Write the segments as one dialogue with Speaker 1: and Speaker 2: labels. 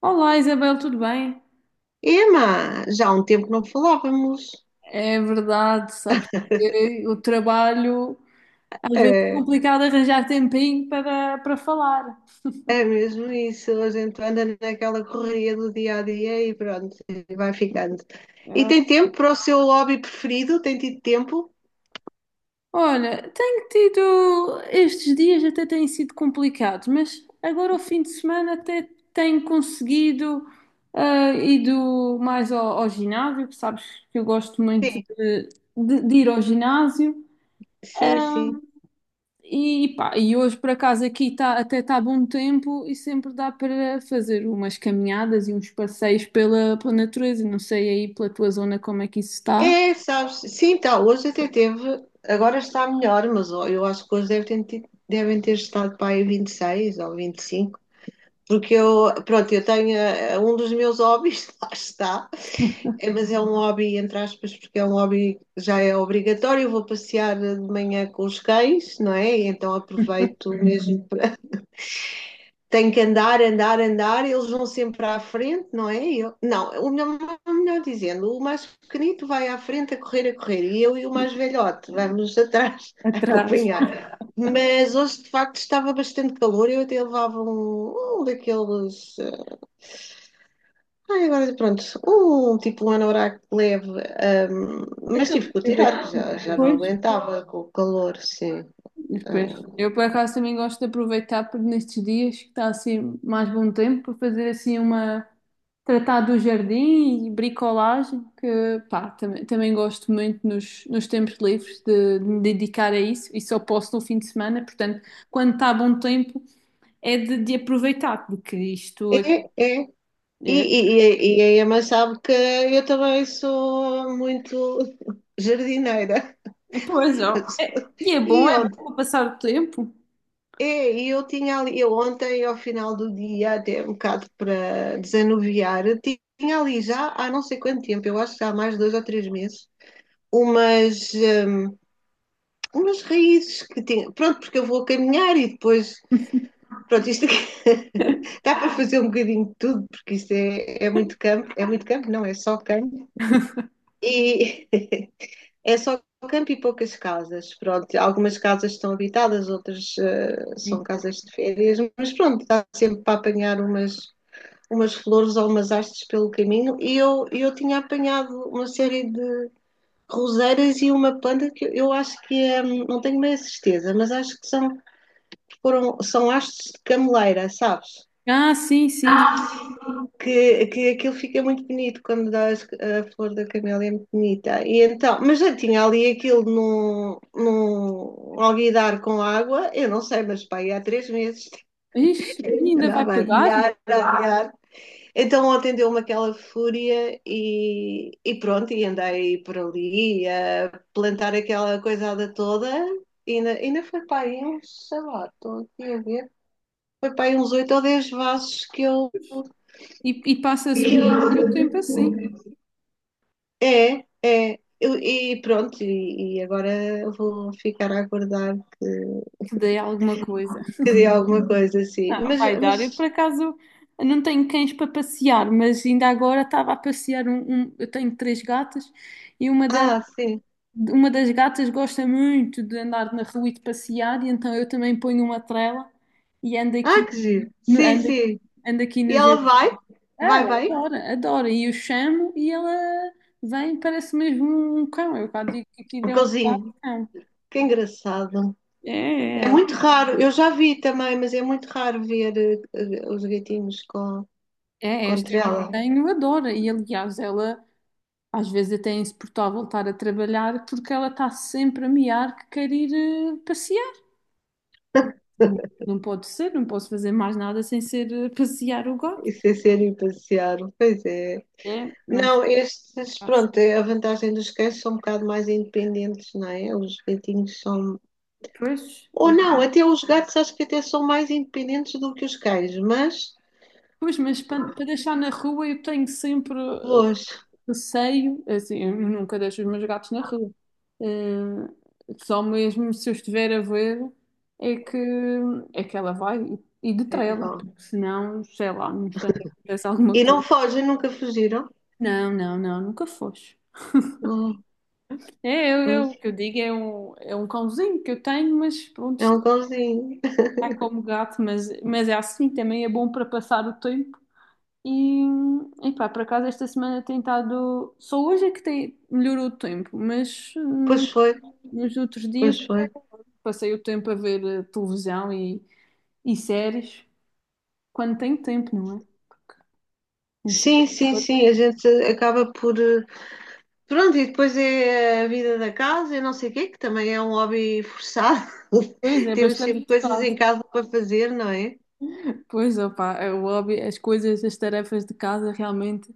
Speaker 1: Olá Isabel, tudo bem?
Speaker 2: Ema, já há um tempo que não falávamos.
Speaker 1: É verdade, sabes que o trabalho às vezes é
Speaker 2: É,
Speaker 1: complicado arranjar tempinho para falar.
Speaker 2: é mesmo isso, a gente anda naquela correria do dia a dia e pronto, e vai ficando. E
Speaker 1: É.
Speaker 2: tem tempo para o seu hobby preferido? Tem tido tempo?
Speaker 1: Olha, tenho tido estes dias até têm sido complicados, mas agora ao fim de semana até tenho conseguido ido mais ao ginásio, que sabes que eu gosto muito
Speaker 2: Sim,
Speaker 1: de, de ir ao ginásio.
Speaker 2: sim, sim.
Speaker 1: E, pá, e hoje por acaso aqui tá, até está bom tempo e sempre dá para fazer umas caminhadas e uns passeios pela natureza. Não sei aí pela tua zona como é que isso está.
Speaker 2: É, sabes, sim, tá, hoje até teve, agora está melhor, mas ó, eu acho que hoje deve ter tido- devem ter estado para aí 26 ou 25, porque eu, pronto, eu tenho, um dos meus hobbies, lá está. É, mas é um hobby, entre aspas, porque é um hobby que já é obrigatório. Eu vou passear de manhã com os cães, não é? Então aproveito mesmo Tenho que andar, andar, andar. Eles vão sempre à frente, não é? Não, melhor dizendo, o mais pequenito vai à frente a correr, a correr. E eu e o mais velhote vamos atrás a
Speaker 1: Atrás.
Speaker 2: acompanhar. Mas hoje, de facto, estava bastante calor. Eu até levava um daqueles. Ai, agora pronto, um tipo um anorak leve, ahm, mas
Speaker 1: Aquela
Speaker 2: tive que o
Speaker 1: coisa que
Speaker 2: tirar, que já não
Speaker 1: depois.
Speaker 2: aguentava com o calor, sim.
Speaker 1: Depois.
Speaker 2: Ah,
Speaker 1: Eu por acaso também gosto de aproveitar por nestes dias que está assim mais bom tempo para fazer assim uma, tratar do jardim e bricolagem, que pá, também, também gosto muito nos tempos livres de me dedicar a isso e só posso no fim de semana, portanto, quando está bom tempo é de aproveitar, porque isto é,
Speaker 2: é, é. E,
Speaker 1: é-
Speaker 2: e, e a Emma sabe que eu também sou muito jardineira.
Speaker 1: Pois ó, é, e
Speaker 2: E
Speaker 1: é
Speaker 2: ontem,
Speaker 1: bom para passar o tempo.
Speaker 2: é, eu ontem, ao final do dia, até um bocado para desanuviar, tinha ali já há não sei quanto tempo, eu acho que já há mais de 2 ou 3 meses, umas. umas raízes que tinha. Pronto, porque eu vou caminhar e depois. Pronto, isto aqui dá para fazer um bocadinho de tudo, porque é muito campo. É muito campo, não, é só campo. E é só campo e poucas casas. Pronto, algumas casas estão habitadas, outras são
Speaker 1: Sim.
Speaker 2: casas de férias, mas pronto, dá sempre para apanhar umas. Umas flores ou umas hastes pelo caminho, e eu tinha apanhado uma série de roseiras e uma planta que eu acho que é, não tenho bem a certeza, mas acho que são hastes de cameleira, sabes?
Speaker 1: Ah, sim, sim.
Speaker 2: Que aquilo fica muito bonito quando a flor da camélia é muito bonita. E então, mas já tinha ali aquilo num alguidar com água, eu não sei, mas pá, há 3 meses
Speaker 1: Ixi, e ainda vai
Speaker 2: andava a
Speaker 1: pegar
Speaker 2: adiar, a adiar. Então ontem deu-me aquela fúria e pronto, e andei por ali a plantar aquela coisada toda e ainda foi para aí uns, sei lá, estou aqui a ver, foi para aí uns 8 ou 10 vasos que eu
Speaker 1: e passa-se muito tempo assim,
Speaker 2: É, é. E pronto, e agora vou ficar a aguardar
Speaker 1: que dê alguma coisa.
Speaker 2: que dê alguma coisa assim.
Speaker 1: Não, vai dar. Eu, por acaso, não tenho cães para passear, mas ainda agora estava a passear um, eu tenho três gatas e uma, da,
Speaker 2: Ah, sim.
Speaker 1: uma das gatas gosta muito de andar na rua e de passear, e então eu também ponho uma trela e ando
Speaker 2: Ah,
Speaker 1: aqui,
Speaker 2: que giro. Sim,
Speaker 1: ando,
Speaker 2: sim.
Speaker 1: ando aqui
Speaker 2: E
Speaker 1: no
Speaker 2: ela
Speaker 1: jardim.
Speaker 2: vai?
Speaker 1: Ah,
Speaker 2: Vai
Speaker 1: ela
Speaker 2: bem?
Speaker 1: adora, adora. E eu chamo e ela vem, parece mesmo um cão. Eu cá digo que aquilo
Speaker 2: O
Speaker 1: é um
Speaker 2: cãozinho.
Speaker 1: cão.
Speaker 2: Que engraçado.
Speaker 1: É,
Speaker 2: É muito raro. Eu já vi também, mas é muito raro ver os gatinhos
Speaker 1: é
Speaker 2: com
Speaker 1: esta que eu
Speaker 2: trela
Speaker 1: tenho, adora. E aliás, ela. Às vezes até é insuportável voltar a trabalhar porque ela está sempre a miar que quer ir passear. Não pode ser, não posso fazer mais nada sem ser passear o gato.
Speaker 2: e sem serem passear. Pois é.
Speaker 1: É, mas
Speaker 2: Não, estes, pronto, é a vantagem dos cães são um bocado mais independentes, não é? Os gatinhos são.
Speaker 1: pois,
Speaker 2: Ou não, até os gatos acho que até são mais independentes do que os cães, mas
Speaker 1: pois, mas para deixar na rua eu tenho sempre
Speaker 2: longe.
Speaker 1: receio, assim, eu nunca deixo os meus gatos na rua. Eh, só mesmo se eu estiver a ver é que, é que ela vai e de
Speaker 2: É que
Speaker 1: trela,
Speaker 2: vão.
Speaker 1: porque senão, sei lá, não instante acontece alguma
Speaker 2: E não
Speaker 1: coisa.
Speaker 2: fogem, nunca fugiram.
Speaker 1: Não, não, não, nunca foste.
Speaker 2: Não,
Speaker 1: É,
Speaker 2: pois,
Speaker 1: o que eu digo é um cãozinho que eu tenho, mas pronto,
Speaker 2: é
Speaker 1: está
Speaker 2: um cãozinho.
Speaker 1: como gato, mas é assim, também é bom para passar o tempo. E, e pá, por acaso esta semana tem estado. Só hoje é que tem, melhorou o tempo, mas
Speaker 2: Pois foi,
Speaker 1: nos outros dias
Speaker 2: pois foi.
Speaker 1: passei o tempo a ver televisão e séries, quando tenho tempo, não é? Porque nem sempre
Speaker 2: Sim, sim,
Speaker 1: tenho
Speaker 2: sim, a
Speaker 1: tempo.
Speaker 2: gente acaba por. Pronto, e depois é a vida da casa e não sei o quê, que também é um hobby forçado.
Speaker 1: Pois é,
Speaker 2: Temos
Speaker 1: bastante
Speaker 2: sempre coisas
Speaker 1: pesado.
Speaker 2: em casa para fazer, não é?
Speaker 1: Pois, opá, é o hobby, as coisas, as tarefas de casa realmente.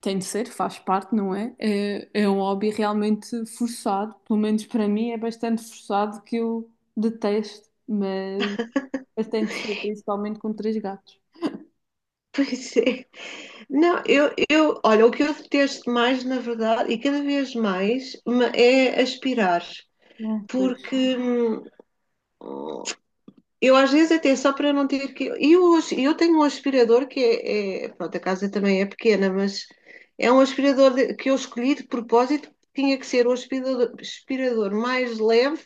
Speaker 1: Tem de ser, faz parte, não é? É, é um hobby realmente forçado, pelo menos para mim é bastante forçado que eu detesto, mas tem de ser, principalmente com três gatos.
Speaker 2: Pois é. Não, olha, o que eu detesto mais, na verdade, e cada vez mais, é aspirar,
Speaker 1: Ah, pois.
Speaker 2: porque eu às vezes até só para não ter que. E eu, eu tenho um aspirador que pronto, a casa também é pequena, mas é um aspirador que eu escolhi de propósito, tinha que ser o aspirador, aspirador mais leve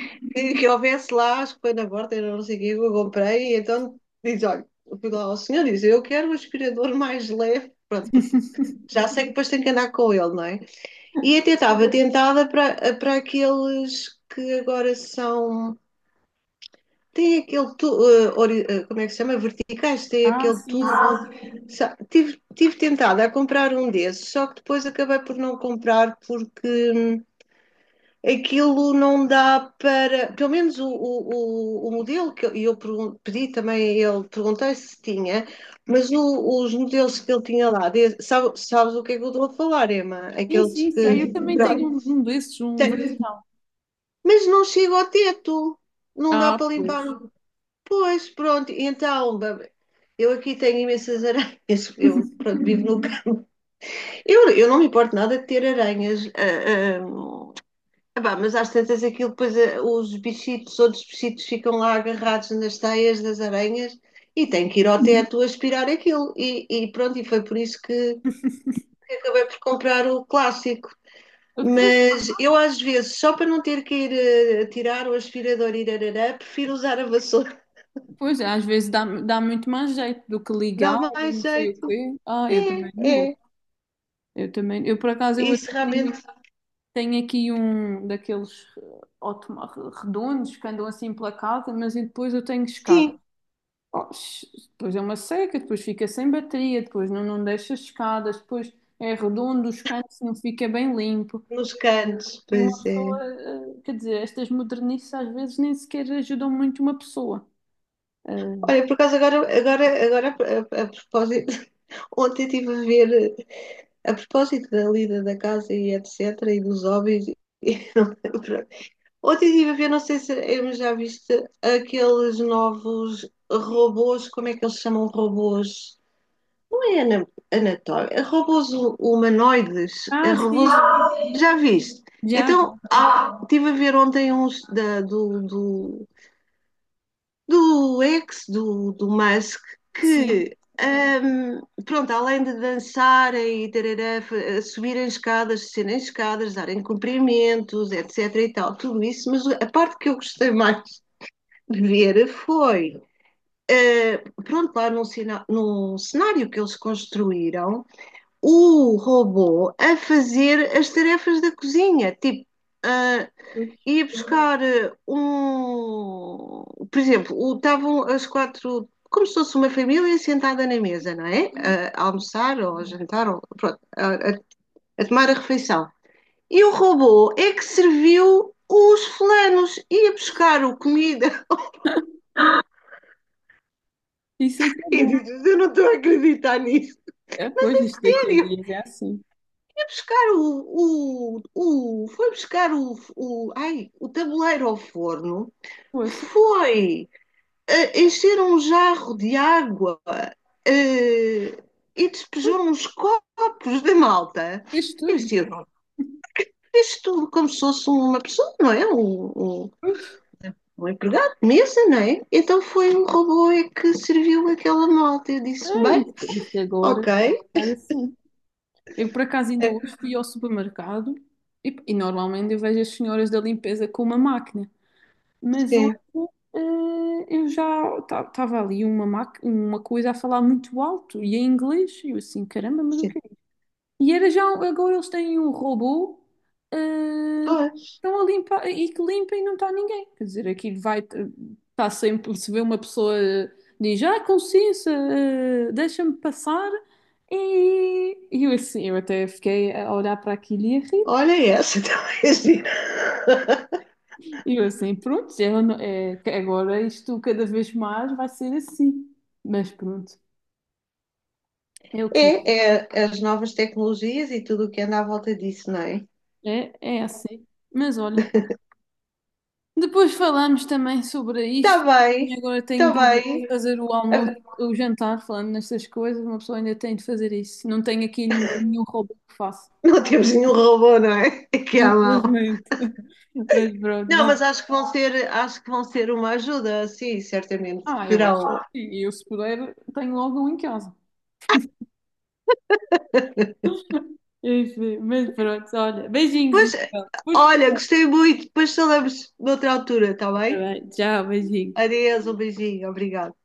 Speaker 2: que, que houvesse lá, acho que foi na porta, eu não sei o que, eu comprei, e então diz: olha, eu fui lá ao senhor e diz: eu quero o aspirador mais leve. Pronto. Já sei que depois tenho que andar com ele, não é? E até estava tentada para aqueles que agora são. Tem aquele tubo, como é que se chama? Verticais, tem
Speaker 1: Ah,
Speaker 2: aquele
Speaker 1: sim,
Speaker 2: tubo.
Speaker 1: sim.
Speaker 2: Ah, tive tentada a comprar um desses, só que depois acabei por não comprar porque aquilo não dá para. Pelo menos o modelo que eu pedi também, ele perguntei se tinha, mas os modelos que ele tinha lá, sabes o que é que eu estou a falar, Emma?
Speaker 1: Sim,
Speaker 2: Aqueles
Speaker 1: sim, sei. Eu
Speaker 2: que.
Speaker 1: também tenho
Speaker 2: Pronto,
Speaker 1: um, um desses, um
Speaker 2: tem-
Speaker 1: vertical.
Speaker 2: mas não chega ao teto, não dá para
Speaker 1: Ah,
Speaker 2: limpar.
Speaker 1: pois.
Speaker 2: Pois, pronto, então. Eu aqui tenho imensas aranhas, eu pronto, vivo no. Eu não me importo nada de ter aranhas. Epá, mas às tantas aquilo depois os bichitos, outros bichitos ficam lá agarrados nas teias das aranhas e tem que ir ao teto aspirar aquilo. E pronto, e foi por isso que acabei por comprar o clássico.
Speaker 1: Ah, pois,
Speaker 2: Mas eu às vezes, só para não ter que ir tirar o aspirador e irarará, prefiro usar a vassoura.
Speaker 1: pois, às vezes dá, dá muito mais jeito do que ligar
Speaker 2: Dá
Speaker 1: e
Speaker 2: mais
Speaker 1: não sei o
Speaker 2: jeito.
Speaker 1: quê. Ah, eu também não
Speaker 2: É,
Speaker 1: gosto.
Speaker 2: é.
Speaker 1: Eu também, eu por acaso eu
Speaker 2: Isso
Speaker 1: até tenho
Speaker 2: realmente,
Speaker 1: tem aqui um daqueles redondos que andam assim pela casa, mas e depois eu tenho escada.
Speaker 2: sim.
Speaker 1: Oh, depois é uma seca, depois fica sem bateria, depois não, não deixa escadas, depois é redondo, os cantos não fica bem limpo.
Speaker 2: Nos cantos,
Speaker 1: E uma
Speaker 2: pois é.
Speaker 1: pessoa, quer dizer, estas modernices às vezes nem sequer ajudam muito uma pessoa.
Speaker 2: Olha, por acaso agora a propósito, ontem estive a ver eh, a propósito da lida da casa e etc. e dos hobbies. e não- pronto. Ontem estive a ver, não sei se já viste, aqueles novos robôs, como é que eles chamam robôs? Não é anatómico, é robôs humanoides,
Speaker 1: Ah,
Speaker 2: é
Speaker 1: ah, sim,
Speaker 2: robôs,
Speaker 1: sim, sim.
Speaker 2: já viste?
Speaker 1: Já, já,
Speaker 2: Então, estive a ver ontem uns do do Musk,
Speaker 1: sim.
Speaker 2: que, pronto, além de dançarem e tarará, subirem escadas, descerem escadas, darem cumprimentos, etc. e tal, tudo isso, mas a parte que eu gostei mais de ver foi. eh, pronto, lá num cenário que eles construíram, o robô a fazer as tarefas da cozinha, tipo, ah,
Speaker 1: Pois.
Speaker 2: ia buscar um. Por exemplo, estavam as quatro, como se fosse uma família sentada na mesa, não é? A almoçar ou a jantar, ou, pronto, a tomar a refeição. E o robô é que serviu os fulanos, ia buscar o comida.
Speaker 1: Isso é que é
Speaker 2: Eu
Speaker 1: bom.
Speaker 2: disse, "Eu não estou a acreditar nisso.
Speaker 1: É,
Speaker 2: Mas
Speaker 1: pois,
Speaker 2: é
Speaker 1: isto daqui a
Speaker 2: sério,
Speaker 1: dias é assim.
Speaker 2: ia buscar o foi buscar ai, o tabuleiro ao forno,
Speaker 1: Poxa,
Speaker 2: foi encheram um jarro de água eh, e despejaram uns copos de malta.
Speaker 1: fez
Speaker 2: Eu disse,
Speaker 1: tudo.
Speaker 2: eu tudo como se fosse uma pessoa, não é? Um, um empregado de mesa, não é? Então foi um robô é que serviu aquela malta. Eu disse,
Speaker 1: É
Speaker 2: bem,
Speaker 1: isto, isto agora está a
Speaker 2: ok,
Speaker 1: ficar assim. Eu, por acaso, ainda
Speaker 2: eh,
Speaker 1: hoje fui ao supermercado e normalmente eu vejo as senhoras da limpeza com uma máquina, mas hoje
Speaker 2: sim,
Speaker 1: eh, eu já estava ali uma, uma coisa a falar muito alto e em inglês. E eu assim, caramba, mas o
Speaker 2: sim.
Speaker 1: que é e era já, agora eles têm um robô, ah,
Speaker 2: Pois,
Speaker 1: estão a limpar, e que limpa e não está ninguém. Quer dizer, aqui vai, está sempre, se vê uma pessoa, ah, diz, ah, com licença, ah, deixa-me passar. E eu assim, eu até fiquei a olhar para aquilo e a rir.
Speaker 2: olha essa, talvez.
Speaker 1: E eu assim, pronto, já não- é, que agora isto cada vez mais vai ser assim. Mas pronto, é o que
Speaker 2: É, é as novas tecnologias e tudo o que anda à volta disso, não é?
Speaker 1: é, é assim. Mas olha. Depois falamos também sobre
Speaker 2: Está
Speaker 1: isto. E
Speaker 2: bem,
Speaker 1: agora tenho
Speaker 2: está
Speaker 1: de ir
Speaker 2: bem.
Speaker 1: fazer o almoço, o jantar, falando nestas coisas. Uma pessoa ainda tem de fazer isso. Não tenho aqui nenhum hobby que faça.
Speaker 2: Não temos nenhum robô, não é? Aqui à mão.
Speaker 1: Infelizmente. Mas pronto,
Speaker 2: Não,
Speaker 1: vá.
Speaker 2: mas acho que vão ser uma ajuda, sim, certamente.
Speaker 1: Ah, eu acho que
Speaker 2: Terão.
Speaker 1: sim. Eu, se puder, tenho logo um em casa. Enfim, mas pronto, olha. Beijinhos,
Speaker 2: Pois,
Speaker 1: Isabel. Depois
Speaker 2: olha,
Speaker 1: falamos.
Speaker 2: gostei muito. Depois falamos noutra altura, está
Speaker 1: Tá
Speaker 2: bem?
Speaker 1: bem, tchau, beijinhos.
Speaker 2: Adeus, um beijinho, obrigada.